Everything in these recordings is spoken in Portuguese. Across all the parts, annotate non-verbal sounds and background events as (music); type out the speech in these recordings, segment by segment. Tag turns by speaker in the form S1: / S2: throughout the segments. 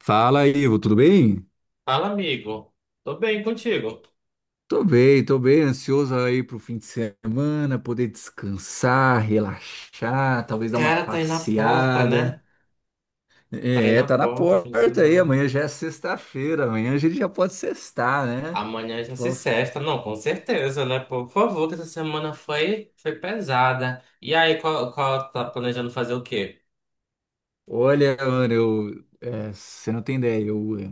S1: Fala, aí, Ivo, tudo bem?
S2: Fala, amigo. Tô bem contigo.
S1: Tô bem, ansioso aí pro fim de semana, poder descansar, relaxar, talvez dar uma
S2: Cara, tá aí na porta,
S1: passeada.
S2: né? Tá aí
S1: É,
S2: na
S1: tá na
S2: porta, fim de
S1: porta aí,
S2: semana.
S1: amanhã já é sexta-feira, amanhã a gente já pode sextar, né?
S2: Amanhã já se
S1: Pô,
S2: sexta. Não, com certeza, né? Pô, por favor, que essa semana foi, pesada. E aí, qual tá planejando fazer o quê?
S1: olha, mano, você não tem ideia,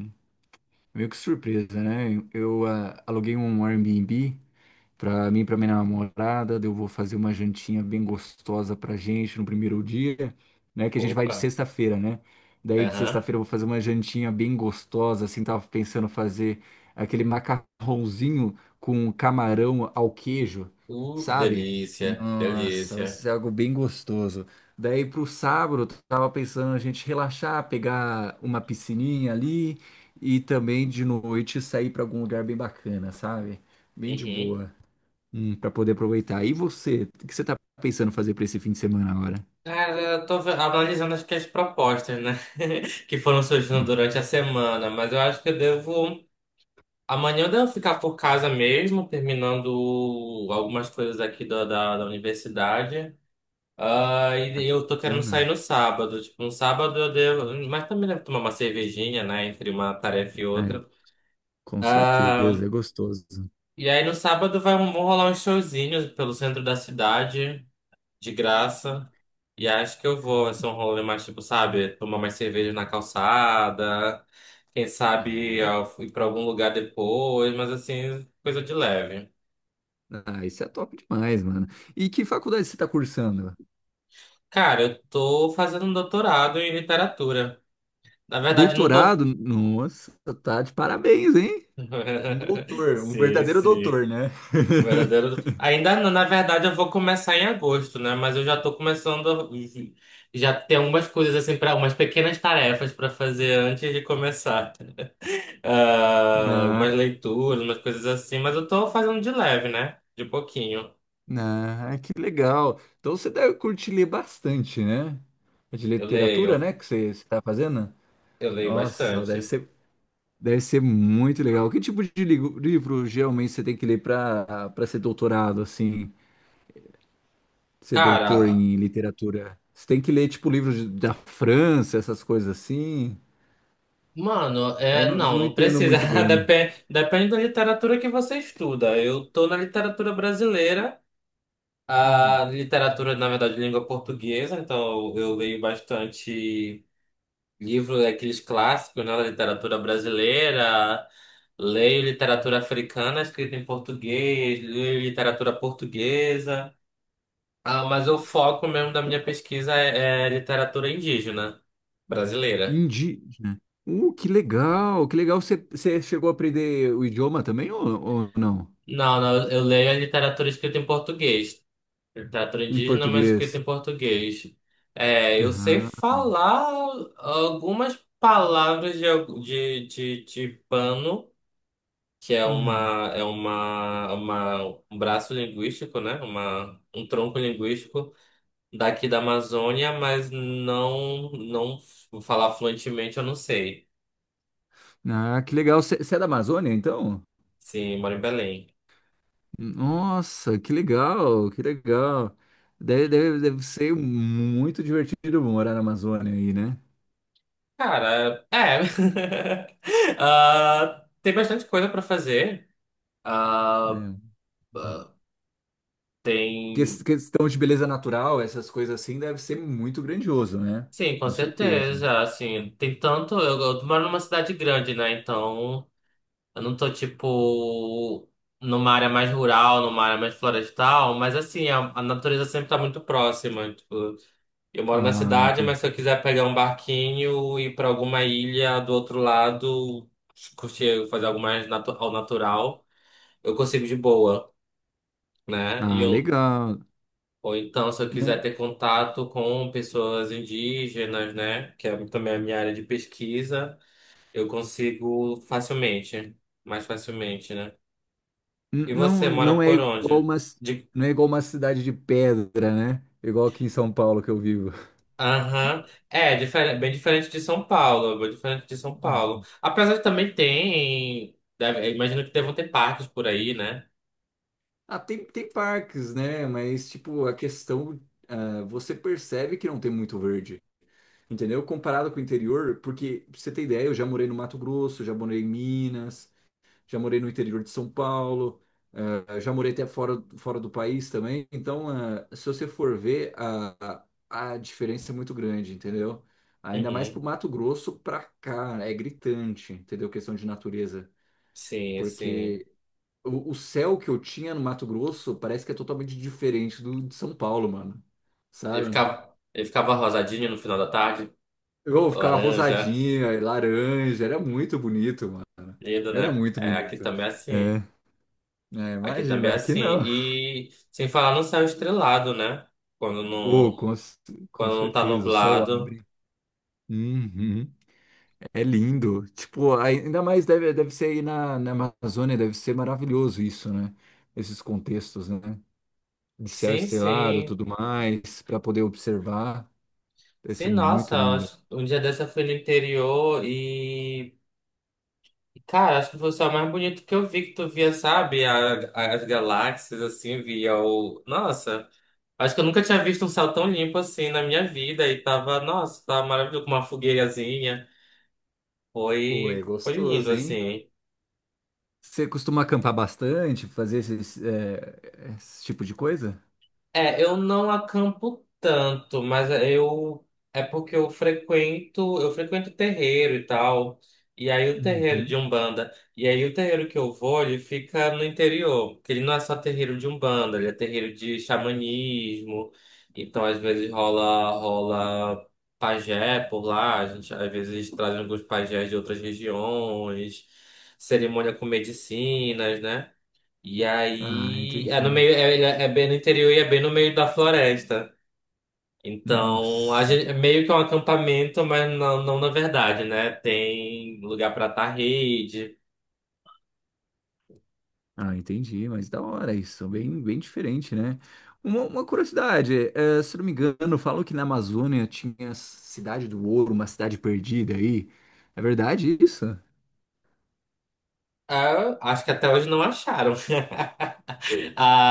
S1: meio que surpresa, né? Aluguei um Airbnb para mim, para minha namorada, eu vou fazer uma jantinha bem gostosa pra gente no primeiro dia, né? Que a gente vai de
S2: Opa.
S1: sexta-feira, né? Daí de
S2: Aham.
S1: sexta-feira eu vou fazer uma jantinha bem gostosa, assim, tava pensando fazer aquele macarrãozinho com camarão ao queijo,
S2: Que
S1: sabe?
S2: delícia.
S1: Nossa, vai
S2: Delícia.
S1: ser algo bem gostoso. Daí pro sábado, eu tava pensando a gente relaxar, pegar uma piscininha ali e também de noite sair pra algum lugar bem bacana, sabe? Bem de
S2: Uhum.
S1: boa. Para poder aproveitar. E você, o que você tá pensando fazer para esse fim de semana agora?
S2: Cara, eu tô analisando acho que as propostas, né? (laughs) Que foram surgindo
S1: Hum,
S2: durante a semana. Mas eu acho que eu devo. Amanhã eu devo ficar por casa mesmo, terminando algumas coisas aqui da universidade. Ah,
S1: ah,
S2: e
S1: que
S2: eu tô querendo sair
S1: bacana.
S2: no sábado. Tipo, no sábado eu devo. Mas também devo tomar uma cervejinha, né? Entre uma tarefa e
S1: Ah, é,
S2: outra.
S1: com
S2: Ah,
S1: certeza, é gostoso.
S2: e aí no sábado vão rolar uns showzinhos pelo centro da cidade, de graça. E acho que eu vou. Vai ser um rolê mais, tipo, sabe? Tomar mais cerveja na calçada. Quem
S1: Ah,
S2: sabe
S1: é-
S2: ir pra algum lugar depois. Mas assim, coisa de leve.
S1: ah, isso é top demais, mano. E que faculdade você tá cursando?
S2: Cara, eu tô fazendo um doutorado em literatura. Na verdade, não tô.
S1: Doutorado? Nossa, tá de parabéns, hein? Um
S2: (laughs)
S1: doutor, um
S2: Sim,
S1: verdadeiro
S2: sim.
S1: doutor, né?
S2: O
S1: (laughs)
S2: verdadeiro. Ainda não, na verdade, eu vou começar em agosto, né? Mas eu já tô começando. Já tem algumas coisas, assim, para umas pequenas tarefas pra fazer antes de começar. Ah,
S1: Ah,
S2: umas leituras, umas coisas assim. Mas eu tô fazendo de leve, né? De pouquinho.
S1: ah, que legal. Então você deve curtir ler bastante, né? É de
S2: Eu
S1: literatura,
S2: leio.
S1: né, que você está fazendo?
S2: Eu leio
S1: Nossa,
S2: bastante.
S1: deve ser. Deve ser muito legal. Que tipo de livro geralmente você tem que ler para ser doutorado, assim, ser doutor
S2: Cara.
S1: em literatura? Você tem que ler, tipo, da França, essas coisas assim?
S2: Mano, é,
S1: Eu
S2: não,
S1: não
S2: não
S1: entendo
S2: precisa.
S1: muito
S2: (laughs)
S1: bem.
S2: Depende, da literatura que você estuda. Eu tô na literatura brasileira,
S1: Hum.
S2: a literatura, na verdade, de língua portuguesa, então eu leio bastante livro, aqueles clássicos, né, da literatura brasileira. Leio literatura africana escrita em português, leio literatura portuguesa. Ah, mas o foco mesmo da minha pesquisa é literatura indígena brasileira.
S1: Indígena. Que legal, que legal. Você, você chegou a aprender o idioma também ou não?
S2: Não, não, eu leio a literatura escrita em português. Ele teatro
S1: Em
S2: indígena, mas escrito
S1: português.
S2: em português. É, eu sei
S1: Ah,
S2: falar algumas palavras de, de pano, que é
S1: hum.
S2: uma, um braço linguístico, né? Um tronco linguístico daqui da Amazônia, mas não, não vou falar fluentemente, eu não sei.
S1: Ah, que legal. Você, você é da Amazônia, então?
S2: Sim, moro em Belém.
S1: Nossa, que legal, que legal. Deve ser muito divertido morar na Amazônia aí, né?
S2: Cara, é. (laughs) Ah, tem bastante coisa para fazer. Ah,
S1: É.
S2: tem.
S1: Questão de beleza natural, essas coisas assim, deve ser muito grandioso, né?
S2: Sim, com
S1: Com certeza.
S2: certeza. Assim, tem tanto. Eu moro numa cidade grande, né? Então, eu não tô, tipo, numa área mais rural, numa área mais florestal, mas, assim, a natureza sempre tá muito próxima. Tipo, eu moro na
S1: Ah,
S2: cidade,
S1: entendi.
S2: mas se eu quiser pegar um barquinho e ir pra alguma ilha do outro lado, curtir, fazer algo mais ao natural, eu consigo de boa, né? E
S1: Ah,
S2: eu,
S1: legal.
S2: ou então, se eu quiser
S1: Não,
S2: ter contato com pessoas indígenas, né, que é também a minha área de pesquisa, eu consigo facilmente, mais facilmente, né? E você
S1: não,
S2: mora por onde? De...
S1: não é igual uma cidade de pedra, né? Igual aqui em São Paulo que eu vivo. (laughs)
S2: Aham. É, diferente, bem diferente de São Paulo, bem diferente de São Paulo.
S1: Hum.
S2: Apesar que também tem, eu imagino que devam ter parques por aí, né?
S1: Ah, tem, tem parques, né? Mas, tipo, a questão, ah, você percebe que não tem muito verde. Entendeu? Comparado com o interior, porque pra você ter ideia, eu já morei no Mato Grosso, já morei em Minas, já morei no interior de São Paulo, já morei até fora, fora do país também. Então, se você for ver, a diferença é muito grande, entendeu? Ainda mais pro
S2: Uhum.
S1: Mato Grosso pra cá, né? É gritante, entendeu? Questão de natureza.
S2: Sim, sim.
S1: Porque o céu que eu tinha no Mato Grosso parece que é totalmente diferente do de São Paulo, mano. Sabe?
S2: Ele ficava rosadinho no final da tarde,
S1: Eu ficava
S2: laranja,
S1: rosadinha, laranja, era muito bonito, mano.
S2: lindo,
S1: Era
S2: né?
S1: muito
S2: É, aqui
S1: bonito.
S2: também é
S1: É,
S2: assim.
S1: né,
S2: Aqui também
S1: imagina,
S2: é
S1: aqui
S2: assim.
S1: não.
S2: E sem falar no céu estrelado, né? Quando
S1: Oh,
S2: não,
S1: com, c- com
S2: quando não tá
S1: certeza, o céu
S2: nublado.
S1: abre. Uhum, é lindo. Tipo, ainda mais deve, deve ser aí na Amazônia, deve ser maravilhoso isso, né? Esses contextos, né? De céu
S2: Sim,
S1: estrelado,
S2: sim.
S1: tudo mais, para poder observar. Deve ser
S2: Sim, nossa,
S1: muito
S2: eu
S1: lindo.
S2: acho- um dia dessa eu fui no interior e. Cara, acho que foi o céu mais bonito que eu vi, que tu via, sabe? A- as galáxias, assim, via o. Nossa, acho que eu nunca tinha visto um céu tão limpo assim na minha vida. E tava, nossa, tava maravilhoso com uma fogueirazinha.
S1: Pô, é
S2: Foi lindo,
S1: gostoso, hein?
S2: assim.
S1: Você costuma acampar bastante, fazer esses, esse tipo de coisa?
S2: É, eu não acampo tanto, mas é, eu é porque eu frequento terreiro e tal. E aí o terreiro de
S1: Uhum.
S2: Umbanda, e aí o terreiro que eu vou, ele fica no interior, porque ele não é só terreiro de Umbanda, ele é terreiro de xamanismo. Então às vezes rola pajé por lá, a gente às vezes traz alguns pajés de outras regiões, cerimônia com medicinas, né? E
S1: Ah,
S2: aí é no
S1: entendi.
S2: meio, é, ele é bem no interior e é bem no meio da floresta. Então, a
S1: Nossa.
S2: gente, é meio que um acampamento, mas não, não na verdade, né? Tem lugar para atar rede.
S1: Ah, entendi, mas da hora isso, bem, bem diferente, né? Uma curiosidade, se não me engano, falam que na Amazônia tinha a Cidade do Ouro, uma cidade perdida aí. É verdade isso?
S2: Ah, acho que até hoje não acharam. (laughs)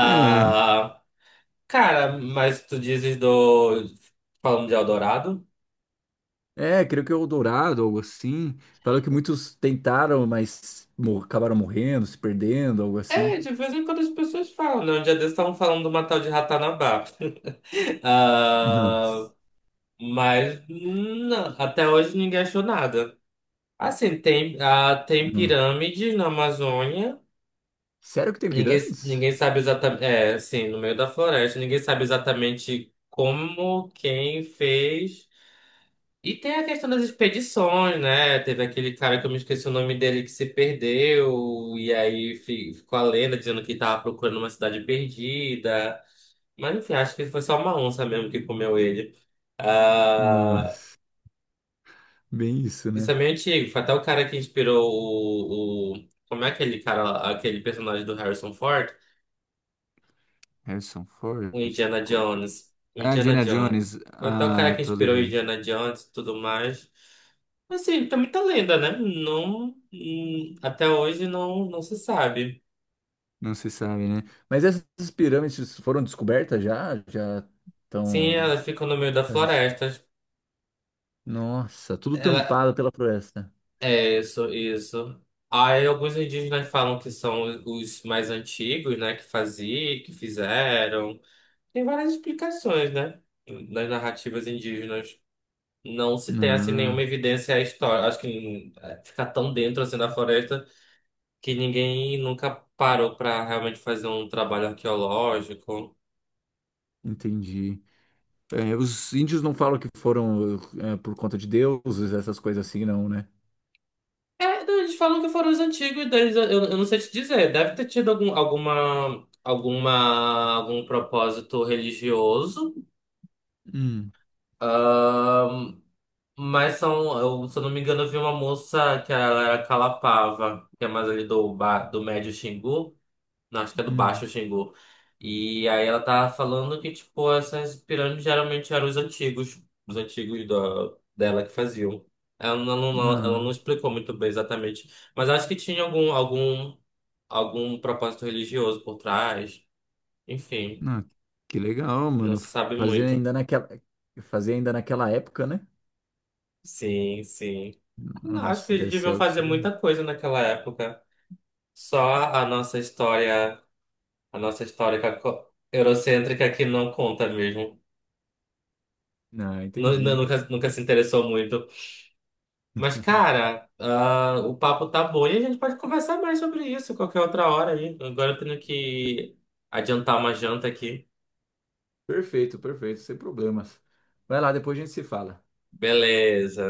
S1: É,
S2: cara, mas tu dizes do falando de Eldorado?
S1: creio que é Eldorado, algo assim. Falam que muitos tentaram, mas acabaram morrendo, se perdendo, algo
S2: É,
S1: assim.
S2: de vez em quando as pessoas falam, né? Um dia desses estavam falando do Matal de Ratanabá. (laughs)
S1: Nossa.
S2: Ah, mas não, até hoje ninguém achou nada. Assim, tem, ah, tem
S1: Nossa.
S2: pirâmides na Amazônia.
S1: Sério que tem pirâmides?
S2: Ninguém sabe exatamente. É, assim, no meio da floresta, ninguém sabe exatamente como, quem fez. E tem a questão das expedições, né? Teve aquele cara que eu me esqueci o nome dele que se perdeu, e aí ficou a lenda dizendo que estava procurando uma cidade perdida. Mas enfim, acho que foi só uma onça mesmo que comeu ele. Ah,
S1: Nossa, bem isso,
S2: isso
S1: né?
S2: é meio antigo. Foi até o cara que inspirou o... Como é aquele cara, lá, aquele personagem do Harrison Ford?
S1: Harrison Ford?
S2: O Indiana
S1: Co- co-
S2: Jones. O
S1: Ah,
S2: Indiana
S1: Indiana
S2: Jones.
S1: Jones.
S2: Foi até o cara
S1: Ah,
S2: que
S1: tô
S2: inspirou o
S1: ligado.
S2: Indiana Jones e tudo mais. Assim, tá muita lenda, né? Não, até hoje não, não se sabe.
S1: Não se sabe, né? Mas essas pirâmides foram descobertas já? Já
S2: Sim,
S1: estão.
S2: elas ficam no meio da floresta.
S1: Nossa, tudo
S2: Ela,
S1: tampado pela floresta.
S2: é isso. Aí alguns indígenas falam que são os mais antigos, né? Que faziam, que fizeram. Tem várias explicações, né? Nas narrativas indígenas não se tem assim nenhuma
S1: Ah,
S2: evidência histórica. Acho que fica tão dentro assim da floresta que ninguém nunca parou para realmente fazer um trabalho arqueológico.
S1: entendi. É, os índios não falam que foram por conta de deuses, essas coisas assim, não, né?
S2: É, não, eles falam que foram os antigos deles. Eu não sei te dizer. Deve ter tido algum propósito religioso.
S1: Hum,
S2: Mas são, eu, se eu não me engano, eu vi uma moça que ela era Calapava, que é mais ali do, ba, do médio Xingu, não, acho que é do
S1: hum.
S2: baixo Xingu. E aí ela tava falando que, tipo, essas pirâmides geralmente eram os antigos dela que faziam. Ela não, ela não
S1: Não,
S2: explicou muito bem exatamente, mas acho que tinha algum propósito religioso por trás. Enfim,
S1: não. Que legal,
S2: não
S1: mano.
S2: se sabe
S1: Fazer
S2: muito.
S1: ainda naquela, fazer ainda naquela época, né?
S2: Sim, sim. Não, acho que
S1: Nossa,
S2: eles
S1: deve ser
S2: deviam
S1: algo
S2: fazer
S1: sobre.
S2: muita coisa naquela época. Só a nossa história, a nossa história eurocêntrica que não conta mesmo.
S1: Ah, entendi.
S2: Nunca, nunca se interessou muito. Mas, cara, o papo tá bom e a gente pode conversar mais sobre isso qualquer outra hora aí. Agora eu tenho que adiantar uma janta aqui.
S1: Perfeito, perfeito, sem problemas. Vai lá, depois a gente se fala.
S2: Beleza.